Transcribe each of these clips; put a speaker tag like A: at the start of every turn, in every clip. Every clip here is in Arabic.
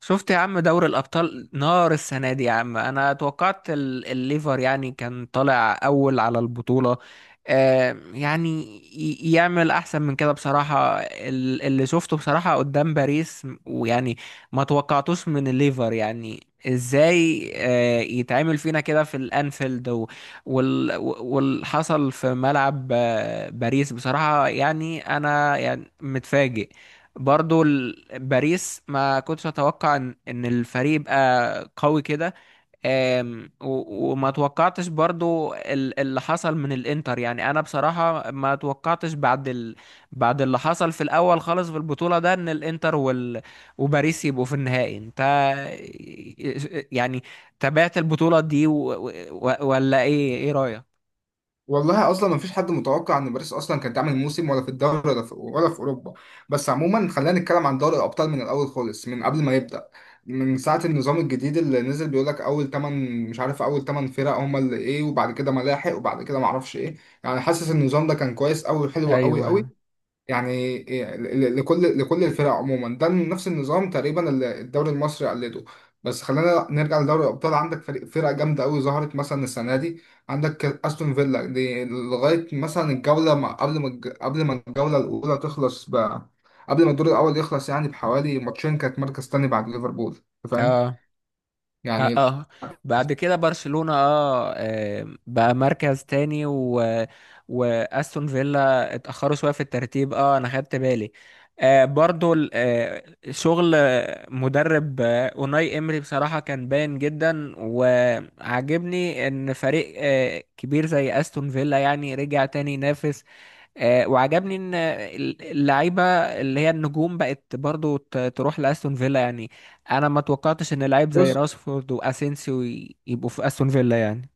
A: شفت يا عم، دوري الأبطال نار السنة دي يا عم. أنا توقعت الليفر يعني كان طالع أول على البطولة. يعني يعمل أحسن من كده بصراحة. اللي شفته بصراحة قدام باريس ويعني ما توقعتوش من الليفر. يعني ازاي يتعمل فينا كده في الأنفيلد، وال- واللي حصل في ملعب باريس بصراحة. يعني أنا يعني متفاجئ برضو. باريس ما كنتش اتوقع إن الفريق يبقى قوي كده. و- وما توقعتش برضو اللي حصل من الانتر. يعني انا بصراحة ما توقعتش بعد بعد اللي حصل في الاول خالص في البطولة ده، ان الانتر وباريس يبقوا في النهائي. انت يعني تابعت البطولة دي ولا ايه رأيك؟
B: والله اصلا ما فيش حد متوقع ان باريس اصلا كانت تعمل موسم، ولا في الدوري، ولا في اوروبا. بس عموما خلينا نتكلم عن دوري الابطال من الاول خالص، من قبل ما يبدا. من ساعه النظام الجديد اللي نزل بيقول لك اول 8، مش عارف، اول 8 فرق هم اللي ايه، وبعد كده ملاحق، وبعد كده ما اعرفش ايه. يعني حاسس ان النظام ده كان كويس قوي، حلو قوي
A: ايوه.
B: قوي. يعني لكل الفرق عموما ده نفس النظام تقريبا اللي الدوري المصري قلده. بس خلينا نرجع لدوري الابطال. عندك فرق جامده قوي ظهرت مثلا السنه دي. عندك استون فيلا دي لغايه مثلا الجوله ما قبل ما قبل ما الجوله الاولى تخلص، قبل ما الدور الاول يخلص، يعني بحوالي ماتشين كانت مركز تاني بعد ليفربول. أنت فاهم
A: اه. اه.
B: يعني.
A: آه. بعد كده برشلونة بقى مركز تاني، و واستون فيلا اتأخروا شوية في الترتيب. اه انا خدت بالي. برضو شغل مدرب اوناي امري بصراحة كان باين جدا، وعجبني ان فريق كبير زي استون فيلا يعني رجع تاني ينافس. وعجبني ان اللعيبه اللي هي النجوم بقت برضو تروح لاستون فيلا يعني. انا ما توقعتش ان لعيب زي راشفورد واسينسيو يبقوا في استون فيلا يعني.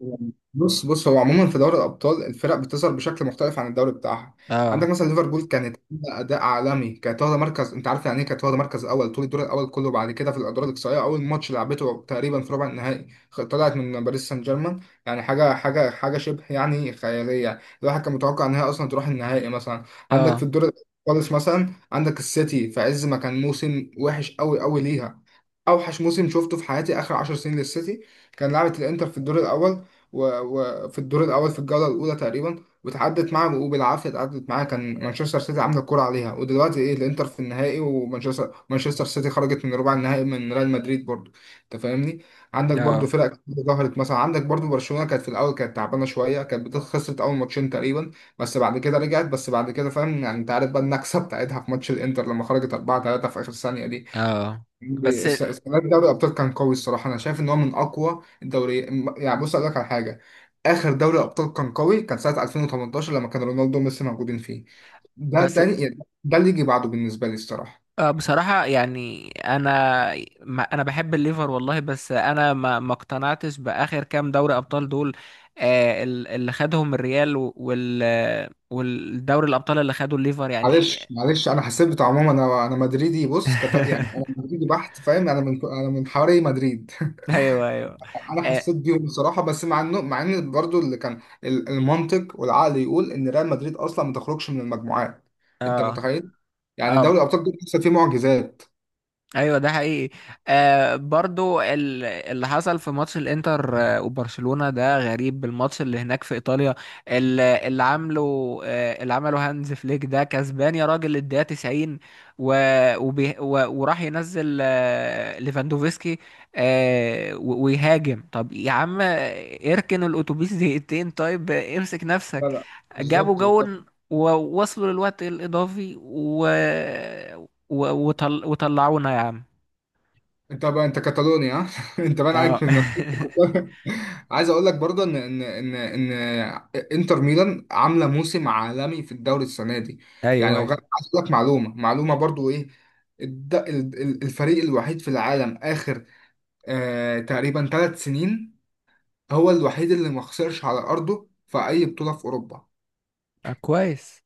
B: بص بص، هو عموما في دوري الابطال الفرق بتظهر بشكل مختلف عن الدوري بتاعها.
A: اه.
B: عندك مثلا ليفربول كانت عاملة اداء عالمي، كانت واخده مركز، انت عارف يعني ايه، كانت واخده مركز اول طول الدور الاول كله، بعد كده في الادوار الاقصائيه اول ماتش لعبته تقريبا في ربع النهائي طلعت من باريس سان جيرمان. يعني حاجه شبه يعني خياليه، الواحد كان متوقع ان هي اصلا تروح النهائي مثلا. عندك في
A: اه.
B: الدور خالص مثلا عندك السيتي في عز ما كان موسم وحش قوي قوي ليها، اوحش موسم شفته في حياتي اخر 10 سنين للسيتي. كان لعبة الانتر في الدور الاول، في الجوله الاولى تقريبا، وتعدت معاه، وبالعافيه اتعدت معاه، كان مانشستر سيتي عامله الكوره عليها، ودلوقتي ايه الانتر في النهائي، ومانشستر سيتي خرجت من ربع النهائي من ريال مدريد برضو. انت فاهمني. عندك برضو
A: اه.
B: فرق كتير ظهرت، مثلا عندك برضو برشلونه كانت في الاول كانت تعبانه شويه، كانت خسرت اول ماتشين تقريبا، بس بعد كده رجعت، بس بعد كده فاهم يعني، انت عارف بقى النكسه بتاعتها في ماتش الانتر لما خرجت 4-3 في اخر ثانيه دي.
A: اه. بس
B: السنه دي دوري الابطال كان قوي الصراحه، انا شايف ان هو من اقوى الدوري. يعني بص اقول لك على حاجه، اخر دوري ابطال كان قوي كان سنه 2018 لما كان رونالدو وميسي موجودين فيه. ده
A: بس.
B: تاني يعني، ده اللي يجي بعده بالنسبه لي الصراحه.
A: بصراحه يعني انا ما انا بحب الليفر والله، بس انا ما اقتنعتش باخر كام دوري ابطال دول. اللي خدهم الريال و- وال والدوري الابطال اللي خدوا الليفر يعني.
B: معلش معلش، انا حسيت بتاع عموما، انا مدريدي، يعني انا مدريدي بحت، فاهم، انا من حواري مدريد.
A: ايوه ايوه.
B: انا
A: اه.
B: حسيت بيهم بصراحه، بس مع ان برضو اللي كان المنطق والعقل يقول ان ريال مدريد اصلا ما تخرجش من المجموعات. انت
A: اه.
B: متخيل، يعني دوري
A: آه،
B: الابطال ده لسه فيه معجزات.
A: ايوه ده حقيقي. برضو اللي حصل في ماتش الانتر وبرشلونة ده غريب، الماتش اللي هناك في ايطاليا، ال- اللي عامله آه اللي عمله هانز فليك ده كسبان يا راجل الدقيقة 90، و... وبي... و... وراح ينزل ليفاندوفسكي آه و... ويهاجم. طب يا عم اركن الاتوبيس دقيقتين، طيب امسك نفسك.
B: لا لا،
A: جابوا
B: بالظبط بالظبط.
A: جون ووصلوا للوقت الإضافي و... و- وطل... وطلعونا يا عم.
B: انت بقى انت كاتالونيا ها؟ انت بقى
A: اه.
B: عليك من نفسك. عايز اقول لك برضه ان ان انتر ميلان عامله موسم عالمي في الدوري السنه دي. يعني
A: ايوه ايوه.
B: عايز اقول لك معلومه، معلومه برضه ايه، الفريق الوحيد في العالم اخر تقريبا 3 سنين هو الوحيد اللي ما خسرش على ارضه في اي بطوله في اوروبا.
A: آه كويس.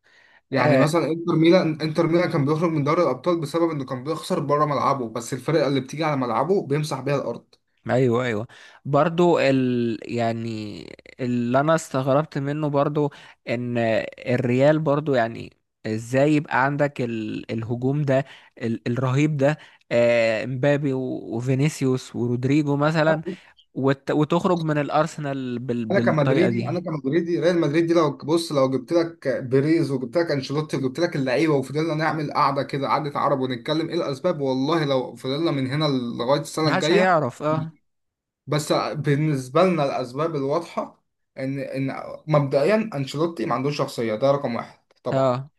B: يعني
A: آه.
B: مثلا انتر ميلان، كان بيخرج من دوري الابطال بسبب انه كان بيخسر بره ملعبه، بس الفرقه اللي بتيجي على ملعبه بيمسح بيها الارض.
A: ايوه ايوه. برضو يعني اللي انا استغربت منه برضو، ان الريال برضو يعني ازاي يبقى عندك الهجوم ده، الرهيب ده، مبابي و... وفينيسيوس ورودريجو مثلا، وت... وتخرج من الارسنال بالطريقة
B: انا
A: دي.
B: كمدريدي، ريال مدريد دي لو بص لو جبت لك بيريز، وجبت لك انشيلوتي، وجبت لك اللعيبه، وفضلنا نعمل قعده كده، قعده عرب، ونتكلم ايه الاسباب، والله لو فضلنا من هنا لغايه السنه
A: محدش
B: الجايه.
A: هيعرف. اه.
B: بس بالنسبة لنا الأسباب الواضحة إن مبدئيا أنشيلوتي ما عندوش شخصية، ده رقم واحد طبعا.
A: اه.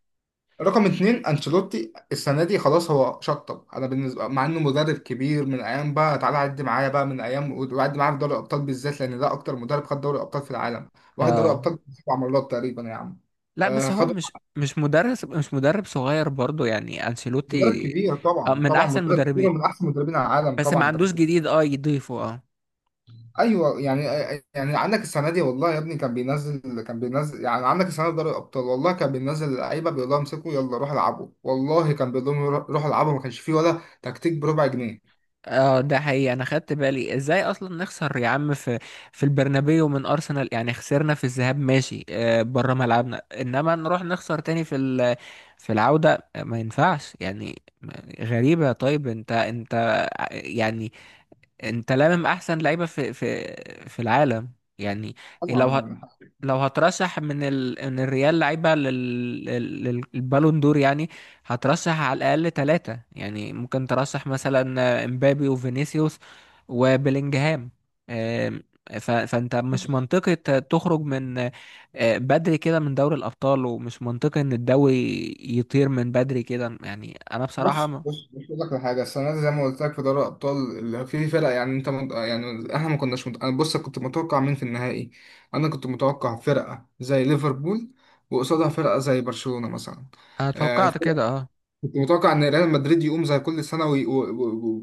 B: رقم اتنين، أنشيلوتي السنة دي خلاص هو شطب، أنا بالنسبة مع إنه مدرب كبير، من أيام بقى، تعالى عد معايا بقى، من أيام، وعد معايا في دوري الأبطال بالذات، لأن ده أكتر مدرب خد دوري الأبطال في العالم، واخد دوري
A: اه.
B: الأبطال 7 مرات تقريبا يا عم.
A: لا
B: آه،
A: بس هو
B: خد
A: مش مش مدرس مش مدرب صغير برضو يعني
B: مدرب
A: انشيلوتي.
B: كبير طبعا،
A: من
B: طبعا
A: احسن
B: مدرب كبير ومن
A: مدربين،
B: أحسن مدربين العالم
A: بس ما
B: طبعا.
A: عندوش جديد يضيفه. اه.
B: ايوه يعني، عندك السنه دي، والله يا ابني كان بينزل يعني، عندك السنه دي دوري الابطال، والله كان بينزل اللعيبه بيقول لهم امسكوا يلا روحوا العبوا، والله كان بيقول لهم روحوا العبوا، ما كانش فيه ولا تكتيك بربع جنيه.
A: اه ده حقيقي. انا خدت بالي ازاي اصلا نخسر يا عم في البرنابيو من ارسنال. يعني خسرنا في الذهاب ماشي بره ملعبنا، انما نروح نخسر تاني في في العودة ما ينفعش يعني غريبة. طيب انت يعني، انت لامم احسن لعيبه في في العالم يعني. لو
B: طبعا
A: ه...
B: يعني،
A: لو هترشح من من الريال لعيبه للبالون دور يعني، هترشح على الاقل ثلاثه. يعني ممكن ترشح مثلا امبابي وفينيسيوس وبيلينجهام. آم، ف... فانت مش منطقي تخرج من بدري كده من دوري الابطال، ومش منطقي ان الدوري يطير من بدري كده. يعني انا بصراحه
B: بص
A: ما...
B: بص بص اقول لك على حاجه، السنه دي زي ما قلت لك في دوري الابطال اللي فيه فرق يعني، يعني احنا ما كناش مت... انا بص كنت متوقع مين في النهائي. انا كنت متوقع فرقه زي ليفربول، وقصادها فرقه زي برشلونه مثلا.
A: انا
B: آه،
A: توقعت كده. اه.
B: كنت متوقع ان ريال مدريد يقوم زي كل سنه وي... و...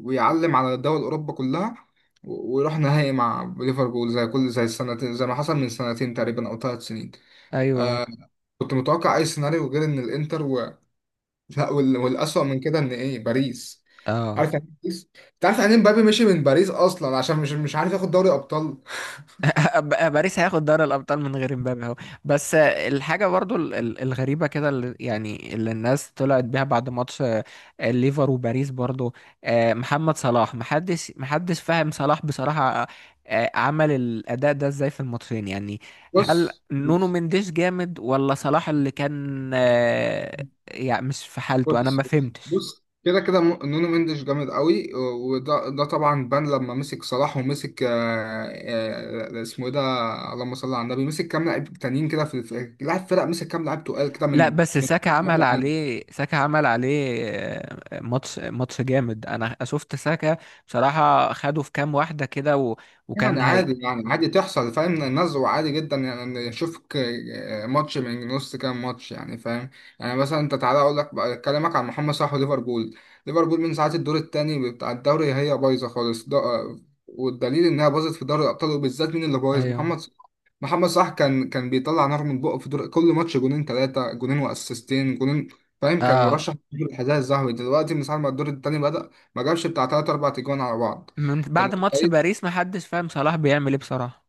B: و... ويعلم على دول اوروبا كلها، ويروح نهائي مع ليفربول، زي السنتين، زي ما حصل من سنتين تقريبا او ثلاث سنين.
A: ايوه.
B: كنت متوقع اي سيناريو غير ان الانتر و... لا وال... والاسوأ من كده ان ايه، باريس.
A: اه.
B: عارف يعني إيه باريس؟ انت عارف يعني إيه مبابي مشي من باريس اصلا عشان مش عارف ياخد دوري ابطال.
A: باريس هياخد دوري الابطال من غير مبابي اهو. بس الحاجه برضو الغريبه كده، اللي الناس طلعت بيها بعد ماتش الليفر وباريس برضو. محمد صلاح، محدش فاهم صلاح بصراحه. عمل الاداء ده ازاي في الماتشين يعني؟ هل
B: بص
A: نونو مندش جامد، ولا صلاح اللي كان يعني مش في حالته؟ انا
B: بص
A: ما
B: بص
A: فهمتش.
B: بص، كده كده نونو مندش جامد قوي، وده طبعا بان لما مسك صلاح، ومسك اسمه ايه ده، اللهم صل على النبي، مسك كام لاعب تانيين كده، لاعب فرق، مسك كام لاعب تقال كده
A: لا
B: من
A: بس ساكا عمل
B: من
A: عليه، ساكا عمل عليه ماتش ماتش جامد. انا شفت ساكا بصراحة خده في كام واحدة كده و...
B: يعني
A: وكان هي.
B: عادي، يعني عادي تحصل، فاهم، النزوة عادي جدا يعني، اشوفك ماتش من نص كام ماتش يعني، فاهم. يعني مثلا انت تعالى اكلمك عن محمد صلاح وليفربول. ليفربول من ساعة الدور الثاني بتاع الدوري هي بايظة خالص ده، والدليل انها باظت في دوري الابطال، وبالذات مين اللي بايظ؟
A: ايوه.
B: محمد صلاح. محمد صلاح كان بيطلع نار من بقه، في دور كل ماتش جونين، ثلاثة جونين، واسيستين، جونين فاهم، كان
A: اه.
B: مرشح للحذاء الذهبي. دلوقتي من ساعة ما الدور الثاني بدأ ما جابش بتاع ثلاث اربع تجوان على بعض.
A: من
B: انت
A: بعد ماتش
B: متخيل،
A: باريس محدش فاهم صلاح بيعمل ايه بصراحة.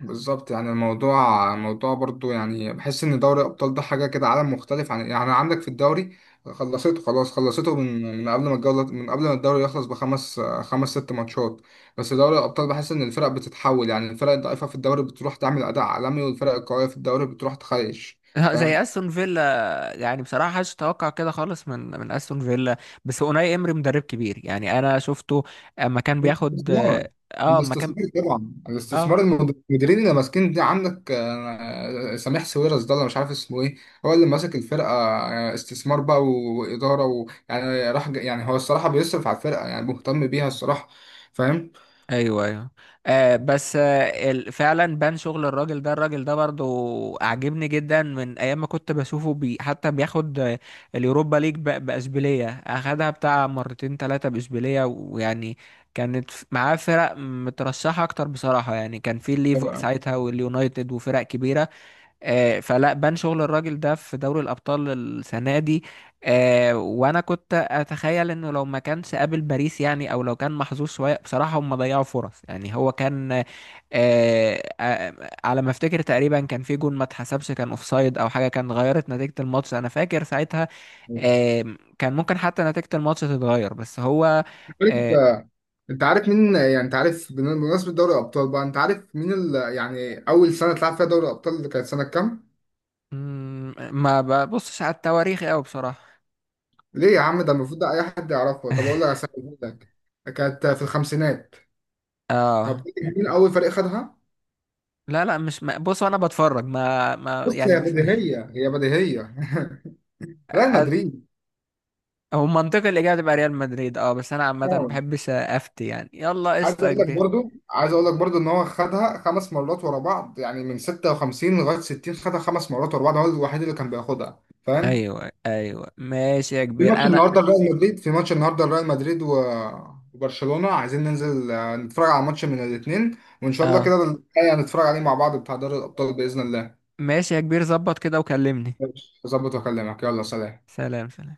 B: بالظبط. يعني الموضوع برضو يعني، بحس ان دوري الابطال ده حاجه كده عالم مختلف عن يعني، عندك في الدوري خلصته خلاص، من قبل ما الجوله، من قبل ما الدوري يخلص بخمس، خمس ست ماتشات، بس دوري الابطال بحس ان الفرق بتتحول يعني، الفرق الضعيفه في الدوري بتروح تعمل اداء عالمي، والفرق القويه في الدوري بتروح تخيش،
A: زي
B: فاهم.
A: استون فيلا يعني، بصراحة محدش توقع كده خالص من استون فيلا. بس اوناي امري مدرب كبير يعني. انا شفته اما كان بياخد
B: الاستثمار
A: اما كان.
B: الاستثمار طبعا، الاستثمار
A: اه.
B: المديرين اللي ماسكين دي، عندك سميح سويرس ده، انا مش عارف اسمه ايه، هو اللي ماسك الفرقه، استثمار بقى واداره ويعني، يعني هو الصراحه بيصرف على الفرقه يعني، مهتم بيها الصراحه، فاهم.
A: ايوه ايوه. بس فعلا بان شغل الراجل ده برضو اعجبني جدا من ايام ما كنت بشوفه بي حتى بياخد اليوروبا ليج باشبيليه، اخدها بتاع مرتين ثلاثه باشبيليه، ويعني كانت معاه فرق مترشحه اكتر بصراحه. يعني كان في الليفر
B: أيوة.
A: ساعتها واليونايتد وفرق كبيره. فلا بان شغل الراجل ده في دوري الأبطال السنة دي. وأنا كنت أتخيل إنه لو ما كانش قابل باريس، يعني أو لو كان محظوظ شوية بصراحة، هم ضيعوا فرص يعني. هو كان على ما أفتكر تقريبا كان في جون ما اتحسبش، كان أوفسايد أو حاجة، كان غيرت نتيجة الماتش. أنا فاكر ساعتها آه، كان ممكن حتى نتيجة الماتش تتغير، بس هو آه،
B: عارف- انت عارف مين يعني، انت عارف بمناسبه دوري الابطال بقى، انت عارف مين يعني اول سنه اتلعب فيها دوري الابطال اللي كانت سنه كام؟
A: ما ببصش على التواريخ أوي بصراحة.
B: ليه يا عم؟ ده المفروض ده اي حد يعرفه. طب اقول لك على سنة- أقول لك، كانت في الخمسينات. طب
A: اه.
B: فاكر مين اول فريق خدها؟
A: لا لا مش ما... بص انا بتفرج، ما
B: بص
A: يعني
B: هي
A: مش.
B: بديهيه، هي بديهيه. ريال
A: أ-
B: مدريد.
A: هو منطقي الاجابه تبقى ريال مدريد. اه بس انا عامه ما
B: طبعاً.
A: بحبش افتي يعني، يلا قشطه يا كبير.
B: عايز اقول لك برضو ان هو خدها 5 مرات ورا بعض، يعني من 56 لغايه 60 خدها 5 مرات ورا بعض، هو الوحيد اللي كان بياخدها فاهم.
A: ايوه ايوه ماشي يا كبير. انا.
B: في ماتش النهارده ريال مدريد وبرشلونه، عايزين ننزل نتفرج على ماتش من الاثنين، وان شاء الله
A: اه.
B: كده الحقيقة هنتفرج عليه مع بعض بتاع دوري الابطال باذن الله.
A: ماشي يا كبير، ظبط كده وكلمني.
B: ماشي. اظبط واكلمك، يلا سلام.
A: سلام سلام.